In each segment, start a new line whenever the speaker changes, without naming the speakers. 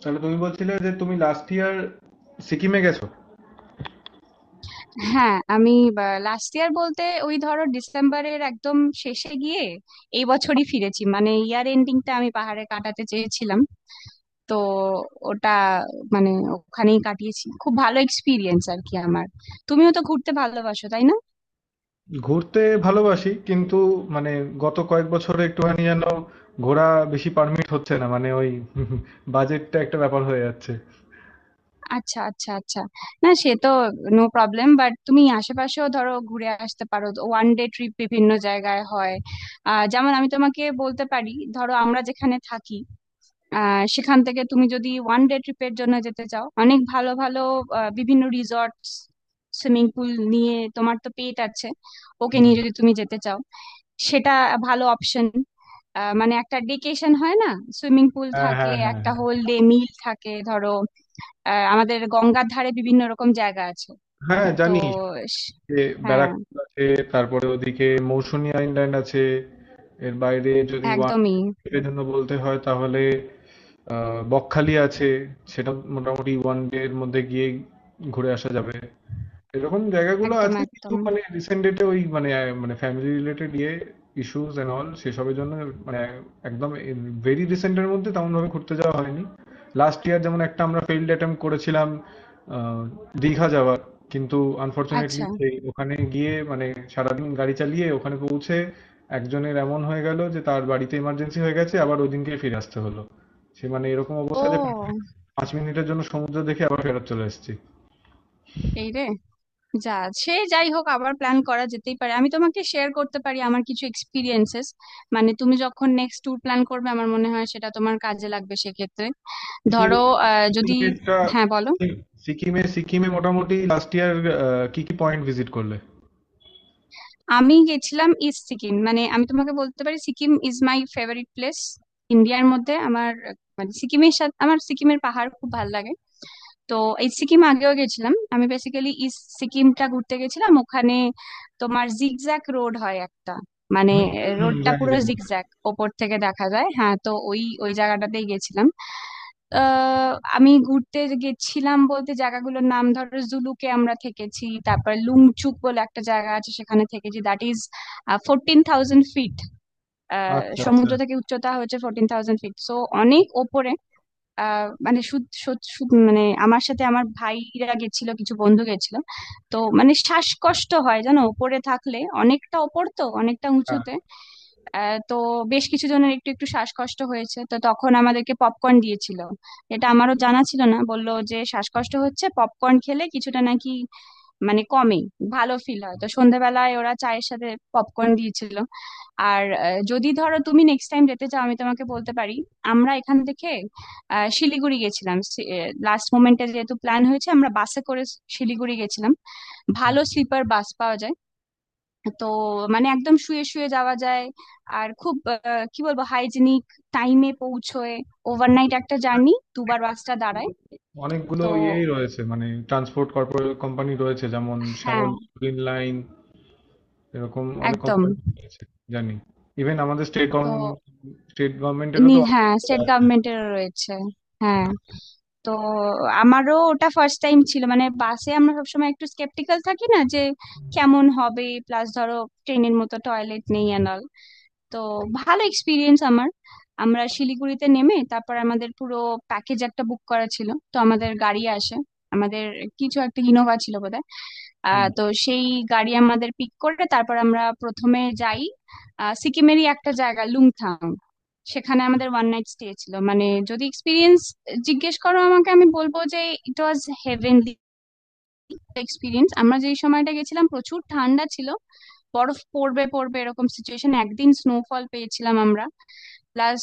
তাহলে তুমি বলছিলে যে তুমি লাস্ট ইয়ার সিকিমে গেছো।
হ্যাঁ, আমি লাস্ট ইয়ার বলতে ওই ধরো ডিসেম্বরের একদম শেষে গিয়ে এই বছরই ফিরেছি, মানে ইয়ার এন্ডিংটা আমি পাহাড়ে কাটাতে চেয়েছিলাম। তো ওটা মানে ওখানেই কাটিয়েছি, খুব ভালো এক্সপিরিয়েন্স আর কি আমার। তুমিও তো ঘুরতে ভালোবাসো, তাই না?
ঘুরতে ভালোবাসি, কিন্তু মানে গত কয়েক বছরে একটুখানি যেন ঘোরা বেশি পারমিট হচ্ছে না। মানে ওই বাজেটটা একটা ব্যাপার হয়ে যাচ্ছে।
আচ্ছা, আচ্ছা, আচ্ছা, না সে তো নো প্রবলেম, বাট তুমি আশেপাশেও ধরো ঘুরে আসতে পারো, ওয়ান ডে ট্রিপ বিভিন্ন জায়গায় হয়। যেমন আমি তোমাকে বলতে পারি, ধরো আমরা যেখানে থাকি সেখান থেকে তুমি যদি ওয়ান ডে ট্রিপের জন্য যেতে চাও, অনেক ভালো ভালো বিভিন্ন রিসর্টস। সুইমিং পুল নিয়ে, তোমার তো পেট আছে, ওকে
হুম।
নিয়ে যদি তুমি যেতে চাও, সেটা ভালো অপশন। মানে একটা ডেকেশন হয় না, সুইমিং পুল
হ্যাঁ
থাকে,
হ্যাঁ হ্যাঁ
একটা
হ্যাঁ।
হোল ডে মিল থাকে ধরো। আমাদের গঙ্গার ধারে বিভিন্ন রকম জায়গা আছে।
হ্যাঁ
তো
জানি
স-
যে
হ্যাঁ,
ব্যারাকপুর আছে, তারপরে ওদিকে মৌসুনি আইল্যান্ড আছে। এর বাইরে যদি ওয়ান
একদমই,
এর জন্য বলতে হয়, তাহলে বকখালি আছে। সেটা মোটামুটি ওয়ান ডে এর মধ্যে গিয়ে ঘুরে আসা যাবে। এরকম জায়গাগুলো
একদম
আছে, কিন্তু
একদম।
মানে রিসেন্ট ডেটে ওই মানে মানে ফ্যামিলি রিলেটেড ইয়ে ইস্যুস এন্ড অল সেসবের জন্য মানে একদম ভেরি রিসেন্টের মধ্যে তেমন ভাবে ঘুরতে যাওয়া হয়নি। লাস্ট ইয়ার যেমন একটা আমরা ফেইল্ড অ্যাটেম্প করেছিলাম আহ, দীঘা যাওয়ার, কিন্তু আনফরচুনেটলি
আচ্ছা।
সেই ওখানে গিয়ে মানে সারাদিন গাড়ি চালিয়ে ওখানে পৌঁছে একজনের এমন হয়ে গেল যে তার বাড়িতে ইমার্জেন্সি হয়ে গেছে, আবার ওই দিনকে ফিরে আসতে হলো। সে মানে এরকম অবস্থা যে
ও।
5 মিনিটের জন্য সমুদ্র দেখে আবার ফেরত চলে এসেছি।
এই রে। যা, সে যাই হোক, আবার প্ল্যান করা যেতেই পারে। আমি তোমাকে শেয়ার করতে পারি আমার কিছু এক্সপিরিয়েন্সেস, মানে তুমি যখন নেক্সট ট্যুর প্ল্যান করবে, আমার মনে হয় সেটা তোমার কাজে লাগবে সেক্ষেত্রে।
সিকিম
ধরো আহ, যদি
সিকিমেরটা
হ্যাঁ বলো।
সিকিম- সিকিমে সিকিমে মোটামুটি লাস্ট ইয়ার কি কি পয়েন্ট ভিজিট করলে?
আমি গেছিলাম ইস্ট সিকিম, মানে আমি তোমাকে বলতে পারি Sikkim is my favourite place ইন্ডিয়ার মধ্যে আমার। মানে সিকিমের সাথে আমার, সিকিমের পাহাড় খুব ভালো লাগে। তো এই সিকিম আগেও গেছিলাম আমি, বেসিক্যালি ইস্ট সিকিমটা ঘুরতে গেছিলাম ওখানে। তোমার জিগজ্যাগ রোড হয় একটা, মানে
হুম হুম হুম,
রোডটা
জানি
পুরো
জানি।
জিগজ্যাগ, ওপর থেকে দেখা যায়। হ্যাঁ, তো ওই ওই জায়গাটাতেই গেছিলাম। আহ, আমি ঘুরতে গেছিলাম বলতে, জায়গাগুলোর নাম ধরো জুলুকে আমরা থেকেছি, তারপর লুংচুক বলে একটা জায়গা আছে সেখানে থেকেছি, দ্যাট ইজ 14,000 ফিট।
আচ্ছা আচ্ছা।
সমুদ্র থেকে উচ্চতা হচ্ছে 14,000 ফিট, সো অনেক ওপরে। আহ মানে শুধ শুধ- শুধ- মানে আমার সাথে আমার ভাইরা গেছিল, কিছু বন্ধু গেছিল। তো মানে শ্বাসকষ্ট হয় জানো উপরে থাকলে, অনেকটা ওপর তো, অনেকটা
হ্যাঁ
উঁচুতে। তো বেশ কিছু জনের একটু একটু শ্বাসকষ্ট হয়েছে, তো তখন আমাদেরকে পপকর্ন দিয়েছিল। এটা আমারও জানা ছিল না, বললো যে শ্বাসকষ্ট হচ্ছে পপকর্ন খেলে কিছুটা নাকি মানে কমে, ভালো ফিল হয়। তো সন্ধ্যাবেলায় ওরা চায়ের সাথে পপকর্ন দিয়েছিল। আর যদি ধরো তুমি নেক্সট টাইম যেতে চাও, আমি তোমাকে বলতে পারি আমরা এখান থেকে শিলিগুড়ি গেছিলাম। লাস্ট মোমেন্টে যেহেতু প্ল্যান হয়েছে, আমরা বাসে করে শিলিগুড়ি গেছিলাম। ভালো স্লিপার বাস পাওয়া যায়, তো মানে একদম শুয়ে শুয়ে যাওয়া যায়। আর খুব কি বলবো, হাইজিনিক, টাইমে পৌঁছয়, ওভারনাইট একটা জার্নি, দুবার বাসটা দাঁড়ায়।
অনেকগুলো
তো
ইয়েই রয়েছে, মানে ট্রান্সপোর্ট কর্পোরেট কোম্পানি রয়েছে, যেমন শ্যামল,
হ্যাঁ,
গ্রিন লাইন, এরকম অনেক
একদম।
কোম্পানি রয়েছে, জানি। ইভেন আমাদের স্টেট
তো
গভর্নমেন্ট, স্টেট গভর্নমেন্টেরও
নি
তো অনেক।
হ্যাঁ, স্টেট গভর্নমেন্টের রয়েছে, হ্যাঁ। তো আমারও ওটা ফার্স্ট টাইম ছিল, মানে বাসে আমরা সবসময় একটু স্কেপটিক্যাল থাকি না, যে কেমন হবে, প্লাস ধরো ট্রেনের মতো টয়লেট নেই অ্যান্ড অল। তো ভালো এক্সপিরিয়েন্স আমার। আমরা শিলিগুড়িতে নেমে তারপর আমাদের পুরো প্যাকেজ একটা বুক করা ছিল, তো আমাদের গাড়ি আসে, আমাদের কিছু একটা ইনোভা ছিল বোধহয়।
হুম।
তো সেই গাড়ি আমাদের পিক করে, তারপর আমরা প্রথমে যাই সিকিমেরই একটা জায়গা লুংথাং, সেখানে আমাদের ওয়ান নাইট স্টে ছিল। মানে যদি এক্সপিরিয়েন্স জিজ্ঞেস করো আমাকে, আমি বলবো যে ইট ওয়াজ হেভেনলি এক্সপিরিয়েন্স। আমরা যেই সময়টা গেছিলাম প্রচুর ঠান্ডা ছিল, বরফ পড়বে পড়বে এরকম সিচুয়েশন, একদিন স্নোফল পেয়েছিলাম আমরা। প্লাস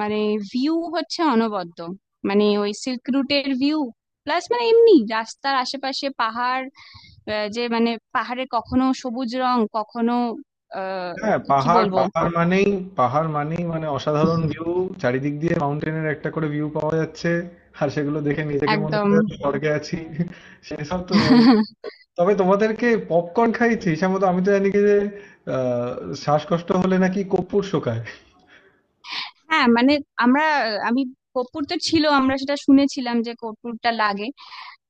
মানে ভিউ হচ্ছে অনবদ্য, মানে ওই সিল্ক রুটের ভিউ, প্লাস মানে এমনি রাস্তার আশেপাশে পাহাড়, যে মানে পাহাড়ে কখনো সবুজ রং, কখনো আহ
হ্যাঁ
কি
পাহাড়
বলবো,
পাহাড় মানেই, পাহাড় মানেই মানে অসাধারণ ভিউ। চারিদিক দিয়ে মাউন্টেনের একটা করে ভিউ পাওয়া যাচ্ছে, আর সেগুলো দেখে নিজেকে মনে
একদম।
হয় আমি স্বর্গে আছি। সেসব তো রয়েছে। তবে তোমাদেরকে পপকর্ন খাইয়েছি সম্ভবত, আমি তো জানি কি যে আহ, শ্বাসকষ্ট হলে নাকি কর্পূর শোকায়।
হ্যাঁ, মানে আমরা আমি কর্পূর তো ছিল, আমরা সেটা শুনেছিলাম যে কর্পূরটা লাগে।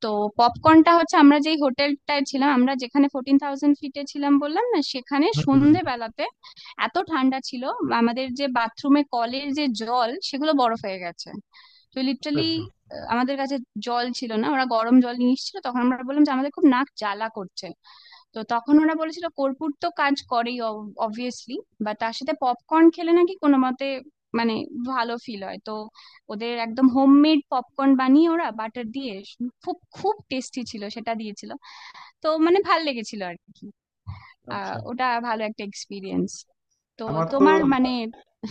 তো পপকর্নটা হচ্ছে, আমরা যেই হোটেলটায় ছিলাম, আমরা যেখানে 14,000 ফিটে ছিলাম বললাম না, সেখানে সন্ধেবেলাতে এত ঠান্ডা ছিল আমাদের, যে বাথরুমে কলের যে জল সেগুলো বরফ হয়ে গেছে। তো লিটারালি আমাদের কাছে জল ছিল না, ওরা গরম জল নিয়ে এসেছিল। তখন আমরা বললাম যে আমাদের খুব নাক জ্বালা করছে, তো তখন ওরা বলেছিল কর্পূর তো কাজ করেই, অবভিয়াসলি, বা তার সাথে পপকর্ন খেলে নাকি কোনো মতে মানে ভালো ফিল হয়। তো ওদের একদম হোমমেড পপকর্ন বানিয়ে ওরা বাটার দিয়ে, খুব খুব টেস্টি ছিল, সেটা দিয়েছিল। তো মানে ভাল লেগেছিল আর কি।
আচ্ছা,
ওটা ভালো একটা এক্সপিরিয়েন্স। তো
আমার তো
তোমার মানে,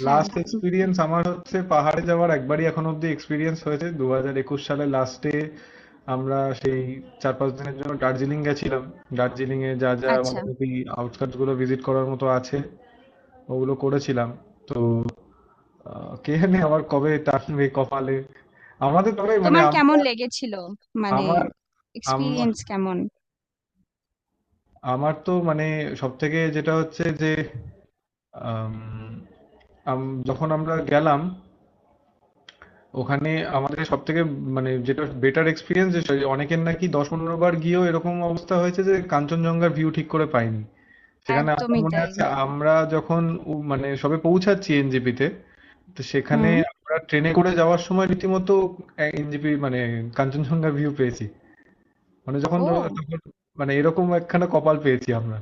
হ্যাঁ,
লাস্ট এক্সপিরিয়েন্স, আমার হচ্ছে পাহাড়ে যাওয়ার একবারই এখন অব্দি এক্সপিরিয়েন্স হয়েছে 2021 সালে লাস্টে। আমরা সেই 4-5 দিনের জন্য দার্জিলিং গেছিলাম। দার্জিলিং এ যা যা
আচ্ছা
মোটামুটি আউটস্কার্টস গুলো ভিজিট করার মতো আছে, ওগুলো করেছিলাম। তো কে জানে আবার কবে টানবে কপালে আমাদের। তবে মানে
তোমার
আমরা,
কেমন লেগেছিল, মানে
আমার, আম-
এক্সপিরিয়েন্স কেমন?
আমার তো মানে সব থেকে যেটা হচ্ছে যে আম, আম- যখন আমরা গেলাম ওখানে, আমাদের সবথেকে মানে যেটা বেটার এক্সপিরিয়েন্স, অনেকের নাকি 10-15 বার গিয়েও এরকম অবস্থা হয়েছে যে কাঞ্চনজঙ্ঘার ভিউ ঠিক করে পাইনি। সেখানে আমার
একদমই
মনে
তাই।
আছে আমরা যখন মানে সবে পৌঁছাচ্ছি এনজেপিতে, তো সেখানে
হুম।
আমরা ট্রেনে করে যাওয়ার সময় রীতিমতো এনজেপি মানে কাঞ্চনজঙ্ঘার ভিউ পেয়েছি মানে যখন
ও।
তখন। মানে এরকম একখানা কপাল পেয়েছি আমরা,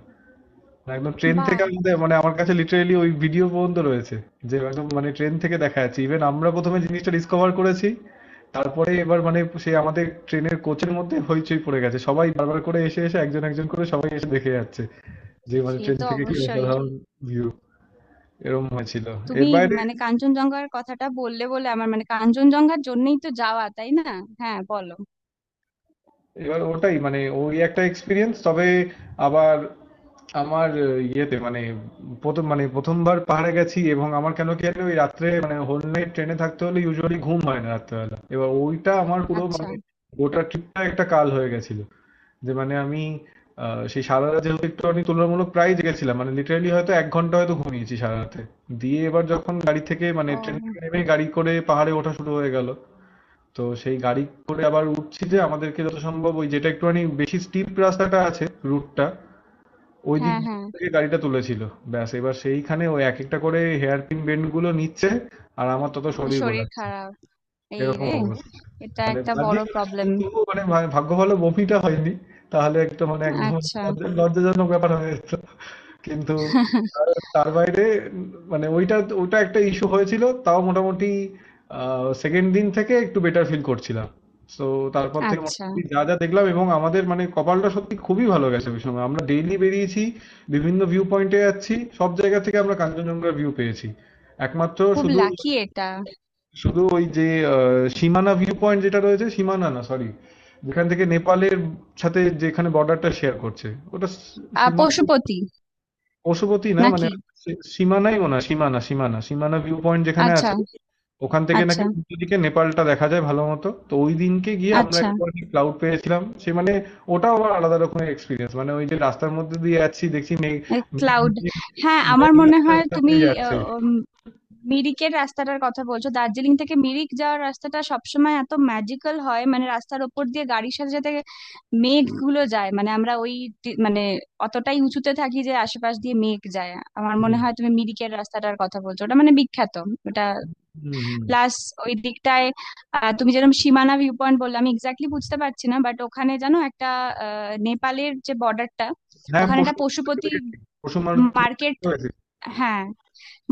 একদম ট্রেন থেকে।
বাহ।
আমাদের মানে আমার কাছে লিটারেলি ওই ভিডিও পর্যন্ত রয়েছে যে একদম মানে ট্রেন থেকে দেখা যাচ্ছে। ইভেন আমরা প্রথমে জিনিসটা ডিসকভার করেছি, তারপরে এবার মানে সেই আমাদের ট্রেনের কোচের মধ্যে হইচই পড়ে গেছে, সবাই বারবার করে এসে এসে একজন একজন করে সবাই এসে দেখে যাচ্ছে যে মানে
সে
ট্রেন
তো
থেকে কি
অবশ্যই।
অসাধারণ ভিউ! এরকম হয়েছিল।
তুমি
এর বাইরে
মানে কাঞ্চনজঙ্ঘার কথাটা বললে বলে, আমার মানে, কাঞ্চনজঙ্ঘার জন্যই তো যাওয়া, তাই না? হ্যাঁ, বলো।
এবার ওটাই মানে ওই একটা এক্সপিরিয়েন্স। তবে আবার আমার ইয়েতে মানে প্রথম মানে প্রথমবার পাহাড়ে গেছি, এবং আমার কেন কি জানি ওই রাত্রে মানে হোল নাইট ট্রেনে থাকতে হলে ইউজুয়ালি ঘুম হয় না রাত্রেবেলা, এবার ওইটা আমার পুরো
আচ্ছা।
মানে গোটা ট্রিপটা একটা কাল হয়ে গেছিল। যে মানে আমি সেই সারা রাত যেহেতু একটু আমি তুলনামূলক প্রায় জেগেছিলাম, মানে লিটারালি হয়তো 1 ঘন্টা হয়তো ঘুমিয়েছি সারা রাতে। দিয়ে এবার যখন গাড়ি থেকে মানে ট্রেন
ও।
থেকে নেমে গাড়ি করে পাহাড়ে ওঠা শুরু হয়ে গেল, তো সেই গাড়ি করে আবার উঠছি, যে আমাদেরকে যত সম্ভব ওই যেটা একটুখানি বেশি স্টিপ রাস্তাটা আছে রুটটা ওই দিক
হ্যাঁ, হ্যাঁ।
থেকে গাড়িটা তুলেছিল। ব্যাস এবার সেইখানে ওই এক একটা করে হেয়ার পিন বেন্ড গুলো নিচ্ছে, আর আমার তত শরীর
শরীর
গোলাচ্ছে,
খারাপ, এই
এরকম
রে,
অবস্থা।
এটা
মানে
একটা বড়
বাহ্যিক
প্রবলেম।
অনুশীলন, তবুও মানে ভাগ্য ভালো বমিটা হয়নি, তাহলে একটা মানে একদম
আচ্ছা।
লজ্জাজনক ব্যাপার হয়ে যেত। কিন্তু তার তার বাইরে মানে ওইটা, ওটা একটা ইস্যু হয়েছিল। তাও মোটামুটি সেকেন্ড দিন থেকে একটু বেটার ফিল করছিলাম। তো তারপর থেকে
আচ্ছা।
মোটামুটি যা যা দেখলাম, এবং আমাদের মানে কপালটা সত্যি খুবই ভালো গেছে, ওই সময় আমরা ডেইলি বেরিয়েছি, বিভিন্ন ভিউ পয়েন্টে যাচ্ছি, সব জায়গা থেকে আমরা কাঞ্চনজঙ্ঘার ভিউ পেয়েছি। একমাত্র
খুব
শুধু
লাকি এটা।
শুধু ওই যে সীমানা ভিউ পয়েন্ট যেটা রয়েছে, সীমানা না সরি, যেখান থেকে নেপালের সাথে, যেখানে বর্ডারটা শেয়ার করছে, ওটা
আ,
সীমানা,
পশুপতি
পশুপতি না মানে
নাকি?
সীমানাই মনে হয়, সীমানা, সীমানা, সীমানা ভিউ পয়েন্ট যেখানে
আচ্ছা,
আছে, ওখান থেকে নাকি
আচ্ছা,
উল্টো দিকে নেপালটা দেখা যায় ভালো মতো। তো ওই দিনকে গিয়ে আমরা
আচ্ছা।
একটুখানি ক্লাউড পেয়েছিলাম। সে মানে ওটাও আবার আলাদা রকমের এক্সপিরিয়েন্স, মানে ওই যে রাস্তার মধ্যে দিয়ে যাচ্ছি, দেখছি মেঘ, মেঘ,
ক্লাউড।
মেঘ-
হ্যাঁ,
মেঘ
আমার মনে
রাস্তার
হয়
সাথে
তুমি
যাচ্ছে।
আহ, উম, মিরিকের রাস্তাটার কথা বলছো। দার্জিলিং থেকে মিরিক যাওয়ার রাস্তাটা সবসময় এত ম্যাজিক্যাল হয়, মানে রাস্তার ওপর দিয়ে গাড়ির সাথে সাথে মেঘগুলো যায়, মানে আমরা মানে অতটাই উঁচুতে থাকি যে আশেপাশ দিয়ে মেঘ যায়। আমার মনে
হুম
হয় তুমি মিরিকের রাস্তাটার কথা বলছো, ওটা মানে বিখ্যাত ওটা।
হুম হুম।
প্লাস ওই দিকটায় তুমি যেরকম সীমানা ভিউ পয়েন্ট বললে, আমি এক্স্যাক্টলি বুঝতে পারছি না, বাট ওখানে জানো একটা নেপালের যে বর্ডারটা,
হ্যাঁ
ওখানে একটা
পশু মারতে
পশুপতি
পেরেছি, পশু মারতে
মার্কেট,
পেরেছি।
হ্যাঁ,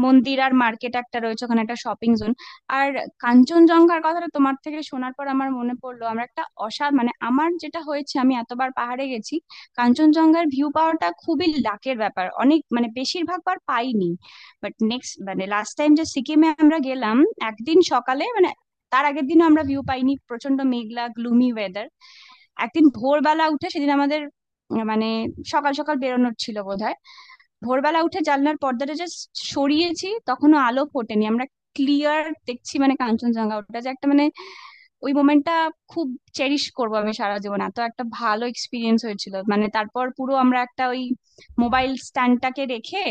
মন্দির আর মার্কেট একটা রয়েছে ওখানে, একটা শপিং জোন। আর কাঞ্চনজঙ্ঘার কথাটা তোমার থেকে শোনার পর আমার মনে পড়লো, আমরা একটা মানে আমার যেটা হয়েছে, আমি এতবার পাহাড়ে গেছি, কাঞ্চনজঙ্ঘার ভিউ পাওয়াটা খুবই লাকের ব্যাপার, অনেক মানে বেশিরভাগ বার পাইনি। বাট নেক্সট মানে লাস্ট টাইম যে সিকিমে আমরা গেলাম, একদিন সকালে, মানে তার আগের দিনও আমরা ভিউ পাইনি, প্রচন্ড মেঘলা গ্লুমি ওয়েদার। একদিন ভোরবেলা উঠে, সেদিন আমাদের মানে সকাল সকাল বেরোনোর ছিল বোধ। ভোরবেলা উঠে জানলার পর্দাটা জাস্ট সরিয়েছি, তখনো আলো ফোটেনি, আমরা ক্লিয়ার দেখছি মানে কাঞ্চনজঙ্ঘা। ওটা যে একটা মানে, ওই মোমেন্টটা খুব চেরিশ করবো আমি সারা জীবন, এত একটা ভালো এক্সপিরিয়েন্স হয়েছিল। মানে তারপর পুরো আমরা একটা ওই মোবাইল স্ট্যান্ডটাকে রেখে,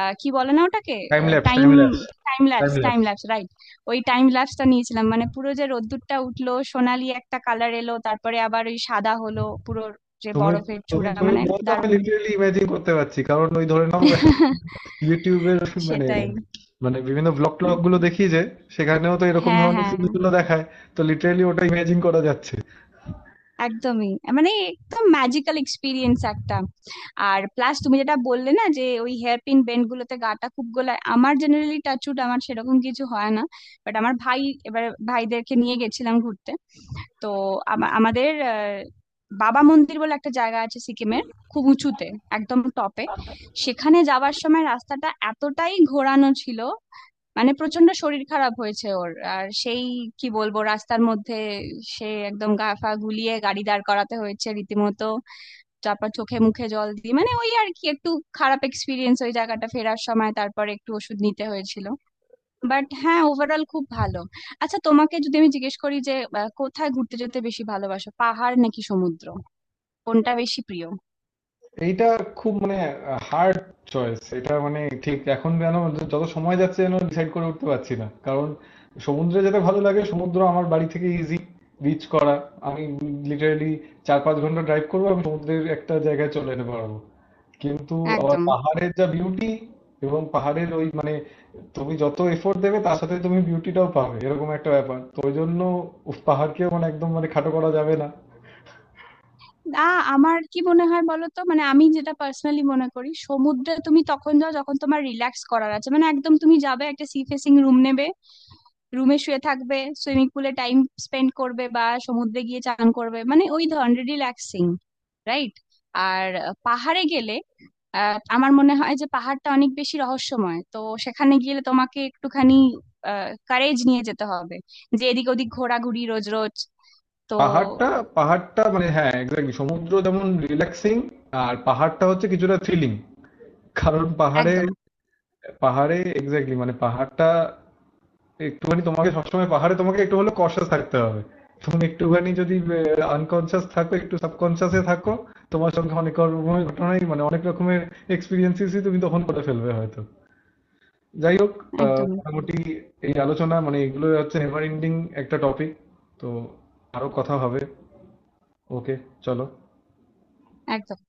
কি বলে না ওটাকে,
time lapse,
time
time lapse,
time
time
lapse, time
lapse.
Lapse, right, ওই টাইম ল্যাপসটা নিয়েছিলাম। মানে পুরো যে রোদ্দুরটা উঠলো, সোনালি একটা কালার এলো, তারপরে আবার ওই সাদা হলো পুরো যে
তুমি
বরফের
তুমি
চূড়া,
তুমি
মানে
বলছো আমি
দারুণ।
লিটারেলি ইমাজিন করতে পারছি, কারণ ওই ধরে নাও ইউটিউবের মানে,
সেটাই,
মানে বিভিন্ন ব্লগ ট্লগ গুলো দেখি যে সেখানেও তো এরকম
হ্যাঁ
ধরনের
হ্যাঁ,
সিনগুলো দেখায়, তো লিটারেলি ওটা ইমাজিন করা যাচ্ছে।
একদমই, মানে একদম ম্যাজিক্যাল এক্সপিরিয়েন্স একটা। আর প্লাস তুমি যেটা বললে না, যে ওই হেয়ার পিন বেন্ড গুলোতে গাটা খুব গোলায়, আমার জেনারেলি টাচুট আমার সেরকম কিছু হয় না, বাট আমার ভাই, এবার ভাইদেরকে নিয়ে গেছিলাম ঘুরতে। তো আমাদের বাবা মন্দির বলে একটা জায়গা আছে সিকিমের, খুব উঁচুতে, একদম টপে, সেখানে যাওয়ার সময় রাস্তাটা এতটাই ঘোরানো ছিল, মানে প্রচন্ড শরীর খারাপ হয়েছে ওর। আর সেই কি বলবো, রাস্তার মধ্যে সে একদম গা ফা গুলিয়ে গাড়ি দাঁড় করাতে হয়েছে রীতিমতো, তারপর চোখে মুখে জল দিয়ে মানে ওই আর কি একটু খারাপ এক্সপিরিয়েন্স ওই জায়গাটা ফেরার সময়, তারপরে একটু ওষুধ নিতে হয়েছিল। বাট হ্যাঁ, ওভারঅল খুব ভালো। আচ্ছা, তোমাকে যদি আমি জিজ্ঞেস করি যে কোথায় ঘুরতে যেতে বেশি ভালোবাসো, পাহাড় নাকি সমুদ্র, কোনটা বেশি প্রিয়?
এইটা খুব মানে হার্ড চয়েস এটা, মানে ঠিক এখন যেন যত সময় যাচ্ছে যেন ডিসাইড করে উঠতে পারছি না। কারণ সমুদ্রে যেতে ভালো লাগে, সমুদ্র আমার বাড়ি থেকে ইজি রিচ করা। আমি লিটারালি 4-5 ঘন্টা ড্রাইভ করবো, আমি সমুদ্রের একটা জায়গায় চলে যেতে পারবো। কিন্তু আবার
একদম
পাহাড়ের যা বিউটি, এবং পাহাড়ের ওই মানে তুমি যত এফোর্ট দেবে তার সাথে তুমি বিউটিটাও পাবে, এরকম একটা ব্যাপার। তো ওই জন্য উফ, পাহাড়কেও মানে একদম মানে খাটো করা যাবে না।
না। আমার কি মনে হয় বলো তো, মানে আমি যেটা পার্সোনালি মনে করি, সমুদ্রে তুমি তখন যাও যখন তোমার রিল্যাক্স করার আছে, মানে একদম তুমি যাবে, একটা সি ফেসিং রুম নেবে, রুমে শুয়ে থাকবে, সুইমিং পুলে টাইম স্পেন্ড করবে, বা সমুদ্রে গিয়ে চান করবে, মানে ওই ধরনের রিল্যাক্সিং, রাইট? আর পাহাড়ে গেলে আমার মনে হয় যে পাহাড়টা অনেক বেশি রহস্যময়, তো সেখানে গেলে তোমাকে একটুখানি কারেজ নিয়ে যেতে হবে, যে এদিক ওদিক ঘোরাঘুরি রোজ রোজ। তো
পাহাড়টা পাহাড়টা মানে হ্যাঁ এক্স্যাক্টলি সমুদ্র যেমন রিল্যাক্সিং, আর পাহাড়টা হচ্ছে কিছুটা থ্রিলিং। কারণ পাহাড়ে,
একদম,
এক্স্যাক্টলি মানে পাহাড়টা একটুখানি তোমাকে সবসময়, পাহাড়ে তোমাকে একটু হলেও কশাস থাকতে হবে। তুমি একটুখানি যদি আনকনসিয়াস থাকো, একটু সাবকনসিয়াসে থাকো, তোমার সঙ্গে অনেক রকমের ঘটনাই মানে অনেক রকমের এক্সপিরিয়েন্সেসই তুমি তখন করে ফেলবে হয়তো। যাই হোক
একদমই,
মোটামুটি এই আলোচনা মানে এগুলো হচ্ছে নেভার এন্ডিং একটা টপিক। তো আরো কথা হবে। ওকে, চলো।
একদম।